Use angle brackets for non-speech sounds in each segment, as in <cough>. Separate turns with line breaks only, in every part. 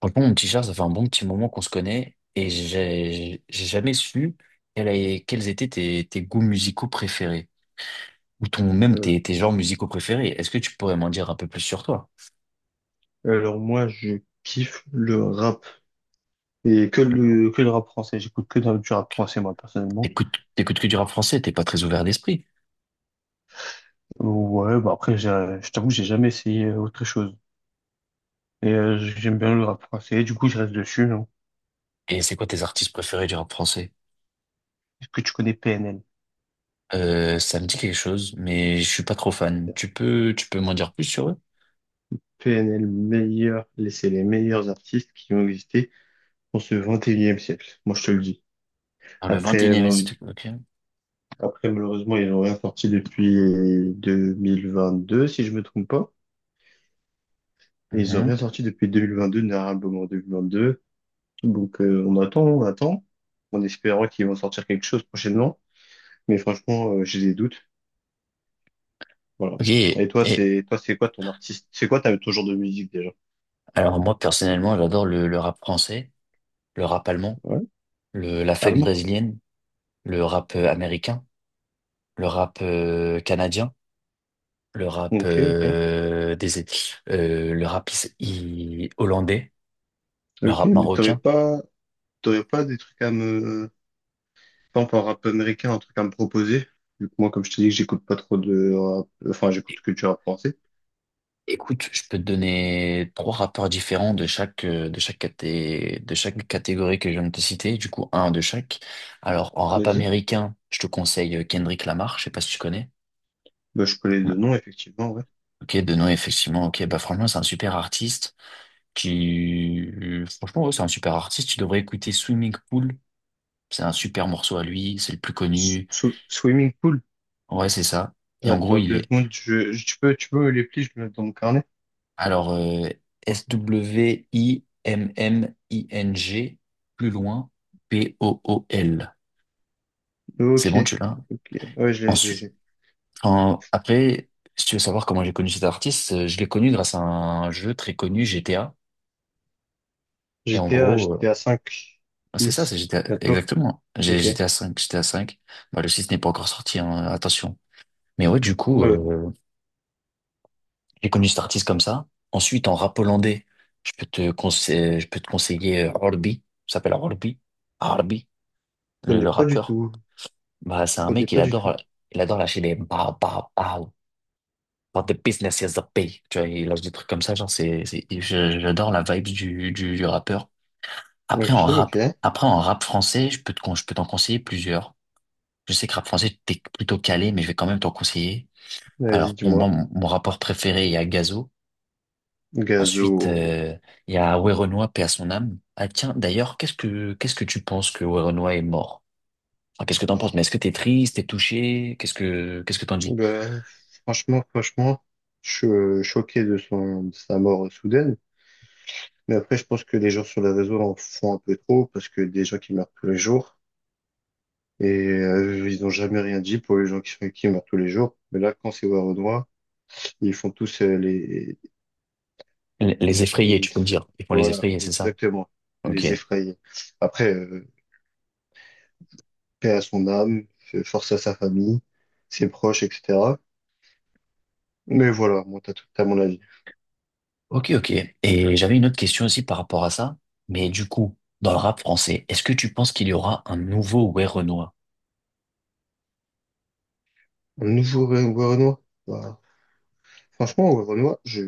Franchement, mon petit Charles, ça fait un bon petit moment qu'on se connaît et j'ai jamais su quels étaient tes goûts musicaux préférés ou ton même tes,
Euh,
tes genres musicaux préférés. Est-ce que tu pourrais m'en dire un peu plus sur toi?
alors moi, je kiffe le rap et que le rap français. J'écoute que du rap français moi personnellement.
T'écoutes que du rap français, t'es pas très ouvert d'esprit.
Ouais, bah après, je t'avoue, que j'ai jamais essayé autre chose. Et j'aime bien le rap français. Du coup, je reste dessus. Non.
Et c'est quoi tes artistes préférés du rap français?
Est-ce que tu connais PNL?
Ça me dit quelque chose, mais je suis pas trop fan. Tu peux m'en dire plus sur eux?
PNL meilleur, c'est les meilleurs artistes qui ont existé dans ce 21e siècle. Moi, je te le dis.
Dans le
Après,
21e
euh,
siècle, ok.
après malheureusement, ils n'ont rien sorti depuis 2022, si je me trompe pas. Et ils n'ont rien
Mhm.
sorti depuis 2022, Narab en 2022. Donc on attend, en espérant qu'ils vont sortir quelque chose prochainement. Mais franchement, j'ai des doutes. Voilà.
Ok,
Et toi,
et
c'est quoi ton artiste? C'est quoi ton genre de musique déjà?
alors moi personnellement, j'adore le rap français, le rap allemand.
Ouais,
La funk
allemand.
brésilienne, le rap américain, le rap canadien, le rap
Ok, ok.
des le rap hollandais, le
Ok,
rap
mais
marocain.
t'aurais pas des trucs par exemple, en rap américain, un truc à me proposer? Vu que moi, comme je te dis que j'écoute pas trop de rap, enfin, j'écoute
É-
que du rap français.
Écoute, je peux te donner trois rappeurs différents de chaque de chaque de chaque catégorie que je viens de te citer, du coup un de chaque. Alors en rap
Vas-y.
américain, je te conseille Kendrick Lamar, je sais pas si tu connais.
Bah, je connais
Ouais.
deux noms, effectivement, ouais.
Ok, de nom effectivement, ok, bah franchement c'est un super artiste. Franchement, ouais, c'est un super artiste. Tu devrais écouter Swimming Pool. C'est un super morceau à lui. C'est le plus connu.
Swimming pool.
Ouais, c'est ça. Et en gros,
Attends
il
deux
est,
secondes, tu peux me les plis, je me les mets dans mon carnet.
alors, S-W-I-M-M-I-N-G, plus loin, P-O-O-L. C'est
Ok,
bon, tu l'as? Hein.
ok. Ouais, je l'ai, je l'ai. je
Ensuite.
l'ai.
Après, si tu veux savoir comment j'ai connu cet artiste, je l'ai connu grâce à un jeu très connu, GTA. Et en
GTA,
gros, euh,
GTA 5,
c'est ça, c'est
6,
GTA,
bientôt.
exactement.
Ok. Ouais,
GTA 5, GTA 5. Bah, le 6 n'est pas encore sorti, hein, attention. Mais ouais, du coup,
ouais.
j'ai connu cet artiste comme ça. Ensuite, en rap hollandais, je peux te conseiller Orbi. Ça s'appelle Orbi. Orbi,
Je
le,
connais
le
pas du
rappeur.
tout.
Bah, c'est un
Je connais
mec, il
pas du tout.
adore, il adore lâcher des bah, bah, bah, but the business is the pay. Tu vois, il lâche des trucs comme ça, genre, j'adore la vibe du rappeur. Après,
Ok,
en
ok.
rap, Après, en rap français, je peux t'en conseiller plusieurs. Je sais que rap français, t'es plutôt calé, mais je vais quand même t'en conseiller.
Vas-y,
Alors, pour moi,
dis-moi.
mon rappeur préféré, il y a Gazo.
Gazo.
Ensuite, il y a Werenoi, paix à son âme. Ah tiens, d'ailleurs, qu'est-ce que tu penses que Werenoi est mort? Enfin, qu'est-ce que t'en penses? Mais est-ce que t'es triste, t'es touché? Qu'est-ce que t'en dis?
Bah, franchement, je suis choqué de sa mort soudaine. Mais après, je pense que les gens sur les réseaux en font un peu trop parce que des gens qui meurent tous les jours et ils n'ont jamais rien dit pour les gens qui meurent tous les jours. Mais là, quand c'est Warenois, ils font tous.
Les effrayés, tu peux me dire. Ils font les
Voilà,
effrayés, c'est ça?
exactement.
Ok.
Les effrayer. Après, paix à son âme, force à sa famille, ses proches, etc. Mais voilà, moi, t'as tout à mon avis.
Ok, ok. Et j'avais une autre question aussi par rapport à ça. Mais du coup, dans le rap français, est-ce que tu penses qu'il y aura un nouveau Werenoi?
Un nouveau Werenoi. Bah, franchement, Werenoi,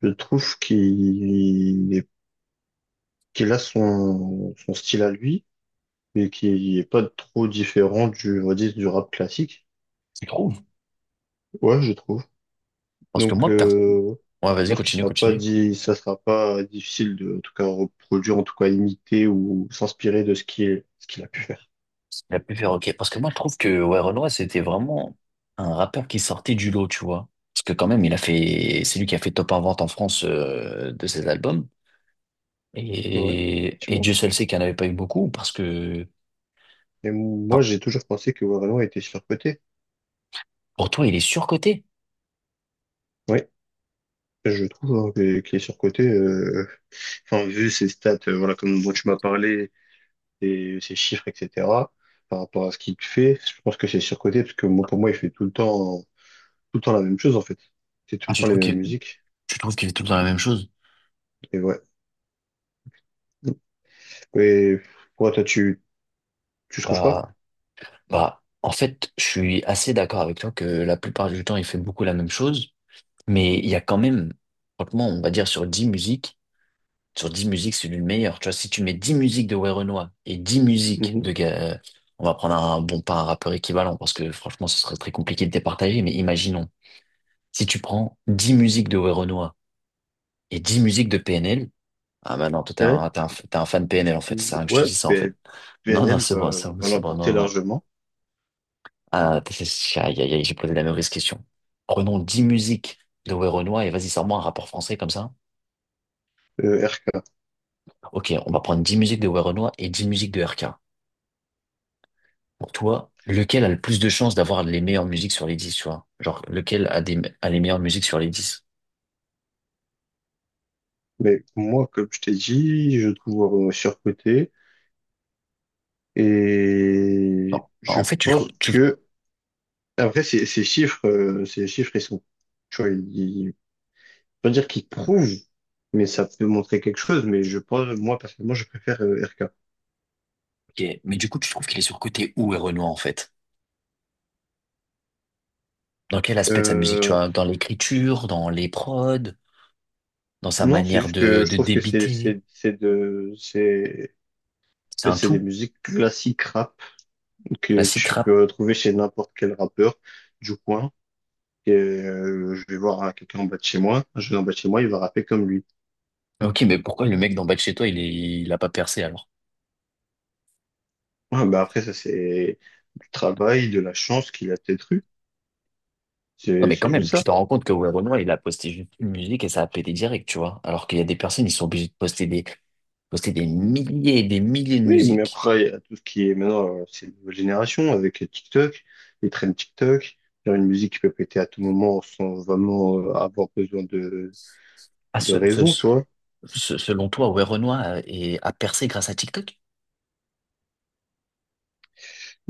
je trouve qu'il a son style à lui, mais qui est pas trop différent du, on va dire, du rap classique.
Tu trouves?
Ouais, je trouve.
Parce que
Donc,
moi,
euh,
ouais,
Je
vas-y,
pense qu'il
continue,
sera pas
continue.
dit, ça sera pas difficile de, en tout cas, reproduire, en tout cas, imiter ou s'inspirer de ce qu'il a pu faire.
Il a pu faire OK. Parce que moi, je trouve que ouais, Renoir, c'était vraiment un rappeur qui sortait du lot, tu vois. Parce que quand même, c'est lui qui a fait top 1 vente en France de ses albums.
Ouais,
Et
effectivement.
Dieu seul sait qu'il n'y en avait pas eu beaucoup parce que,
Et moi,
enfin,
j'ai toujours pensé que Warren était surcoté.
pour toi, il est surcoté.
Oui, je trouve hein, qu'il est surcoté. Enfin, vu ses stats, voilà, comme dont tu m'as parlé, et ses chiffres, etc. Par rapport à ce qu'il fait, je pense que c'est surcoté parce que moi, pour moi, il fait tout le temps la même chose en fait. C'est tout
Ah,
le temps les mêmes musiques.
tu trouves qu'il fait tout le temps la même chose?
Et ouais. Et ouais, toi, tu trouves pas?
Bah, bah, en fait, je suis assez d'accord avec toi que la plupart du temps, il fait beaucoup la même chose. Mais il y a quand même, franchement, on va dire sur dix musiques, c'est lui le meilleur. Tu vois, si tu mets 10 musiques de Werenoi et 10 musiques
Mhm.
de... on va prendre bon, pas un rappeur équivalent, parce que franchement, ce serait très compliqué de départager, mais imaginons, si tu prends 10 musiques de Werenoi et 10 musiques de PNL, ah bah non, toi, t'es
Ouais.
un, t'es un, t'es un fan PNL, en fait. C'est rien que je te
Ouais,
dis ça, en fait. Non, non,
PNL
c'est bon, c'est bon,
va
c'est bon,
l'emporter
non, non.
largement,
Ah, aïe, aïe, aïe, j'ai posé la mauvaise question. Prenons 10 musiques de Werenoi et vas-y, sors-moi un rapport français comme ça.
euh, RK.
Ok, on va prendre 10 musiques de Werenoi et 10 musiques de RK. Pour toi, lequel a le plus de chances d'avoir les meilleures musiques sur les 10, tu vois? Genre, lequel a les meilleures musiques sur les 10?
Mais moi, comme je t'ai dit, je trouve surcoté
Bon,
et je
en fait, tu le trouves,
pense
tu le-
que après ces chiffres, ils sont, tu vois, pas dire qu'ils prouvent, mais ça peut montrer quelque chose. Mais je pense, moi personnellement, je préfère RK.
ok, mais du coup, tu trouves qu'il est surcoté où, Renoir, en fait? Dans quel aspect de sa musique, tu
Euh,
vois? Dans l'écriture, dans les prods, dans sa
non, c'est
manière
juste que je
de
trouve que
débiter?
c'est de c'est en
C'est
fait
un
c'est des
tout.
musiques classiques rap que
Classique
tu
rap.
peux retrouver chez n'importe quel rappeur du coin. Et, je vais voir hein, quelqu'un en bas de chez moi, je vais en bas de chez moi, il va rapper comme lui.
Ok, mais pourquoi le mec d'en bas de chez toi, il a pas percé, alors?
Ouais, bah après, ça, c'est du travail, de la chance qu'il a peut-être eu.
Non
C'est,
mais quand
c'est
même,
juste
tu
ça.
te rends compte que ouais, Renoir, il a posté juste une musique et ça a pété direct, tu vois. Alors qu'il y a des personnes, ils sont obligés de poster des, milliers et des milliers de
Oui, mais
musiques.
après, il y a tout ce qui est maintenant, c'est une nouvelle génération avec TikTok, les trends TikTok, faire une musique qui peut péter à tout moment sans vraiment avoir besoin
Ah,
de raison, tu vois.
selon toi, ouais, Renoir a percé grâce à TikTok?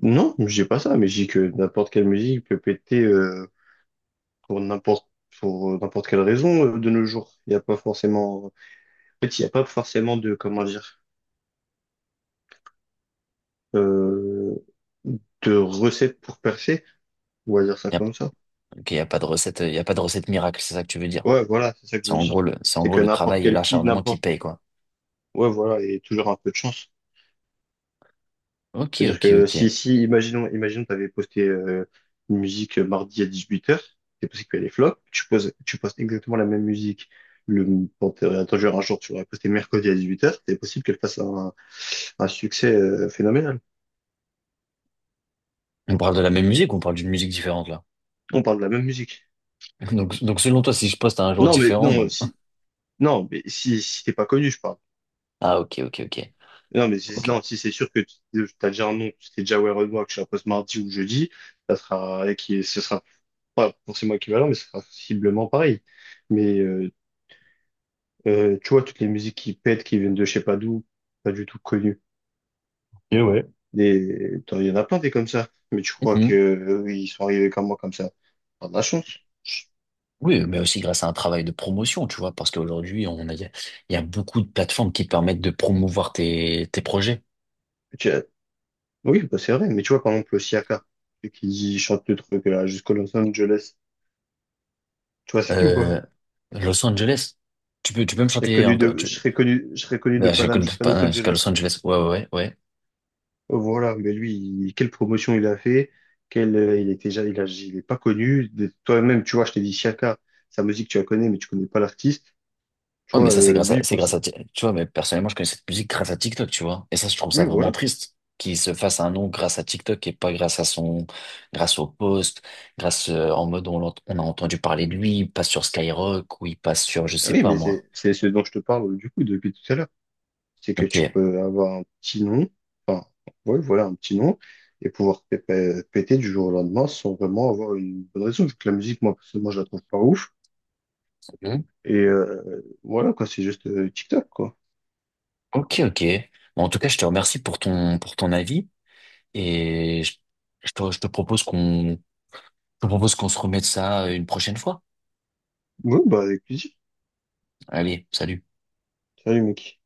Non, j'ai pas ça, mais j'ai que n'importe quelle musique peut péter pour n'importe quelle raison de nos jours. Il n'y a pas forcément de, comment dire, euh, de recette pour percer. On va dire ça
Il y a,
comme ça.
ok, y a pas de recette, il y a pas de recette miracle, c'est ça que tu veux dire.
Ouais, voilà, c'est ça que je
C'est
veux
en
dire.
gros le, c'est en
C'est
gros
que
le
n'importe
travail et
quel qui,
l'acharnement qui
n'importe,
paye, quoi.
ouais, voilà, et toujours un peu de chance.
Ok,
C'est-à-dire
ok,
que
ok.
si, imaginons, tu avais posté une musique mardi à 18 h, c'est possible qu'elle est flop, tu postes exactement la même musique, le, bon, attends, un jour, tu l'aurais postée mercredi à 18 h, c'est possible qu'elle fasse un succès phénoménal.
On parle de la même musique ou on parle d'une musique différente, là?
On parle de la même musique.
<laughs> Donc, selon toi, si je poste à un jour
Non, mais,
différent,
non, si, non, mais si t'es pas connu, je parle.
ah, ok, ok, ok,
Non, mais
ok.
si, non, si c'est sûr que t'as déjà un nom, tu t'es déjà aware of moi, que je la poste mardi ou jeudi, ça sera, et qui, ce sera pas forcément équivalent, mais ce sera sensiblement pareil. Mais tu vois, toutes les musiques qui pètent, qui viennent de je sais pas d'où, pas du tout connues.
Et ouais.
Il y en a plein des comme ça. Mais tu crois que ils sont arrivés comme moi, comme ça? T'as de la chance.
Oui, mais aussi grâce à un travail de promotion, tu vois, parce qu'aujourd'hui, il y a beaucoup de plateformes qui te permettent de promouvoir tes projets.
Tu as- Oui, bah, c'est vrai. Mais tu vois, par exemple, le Siaka, celui qui chante le truc là jusqu'à Los Angeles. Tu vois, c'est qui ou pas?
Euh, Los Angeles, tu peux me
Je serais
chanter un
connu
peu,
de,
tu,
je serais connu de
Mais je
Paname
connais
jusqu'à
pas,
Los
hein, jusqu'à Los
Angeles.
Angeles, ouais, ouais, ouais. Ouais,
Oh, voilà. Mais lui, quelle promotion il a fait? Quel, il était déjà, il a, il est pas connu. Toi-même, tu vois, je t'ai dit Siaka, sa musique, tu la connais, mais tu connais pas l'artiste. Tu
Ouais, mais
vois,
ça, c'est
euh,
grâce
lui,
à,
il
c'est
pense-
grâce à, tu vois, mais personnellement, je connais cette musique grâce à TikTok, tu vois. Et ça, je trouve ça
Oui,
vraiment
voilà.
triste qu'il se fasse un nom grâce à TikTok et pas grâce au post, en mode, on a entendu parler de lui, il passe sur Skyrock ou il passe sur, je
Ah
sais
oui,
pas,
mais
moi.
c'est ce dont je te parle du coup depuis tout à l'heure. C'est que
Ok.
tu peux avoir un petit nom, enfin, ouais, voilà, un petit nom, et pouvoir péter du jour au lendemain sans vraiment avoir une bonne raison. Vu que la musique, moi, personnellement, je la trouve pas ouf. Et voilà, quoi, c'est juste TikTok, quoi.
Ok, ok. Bon, en tout cas, je te remercie pour pour ton avis et je te propose qu'on se remette ça une prochaine fois.
Ouais, bah, avec plaisir.
Allez, salut.
Salut, mec.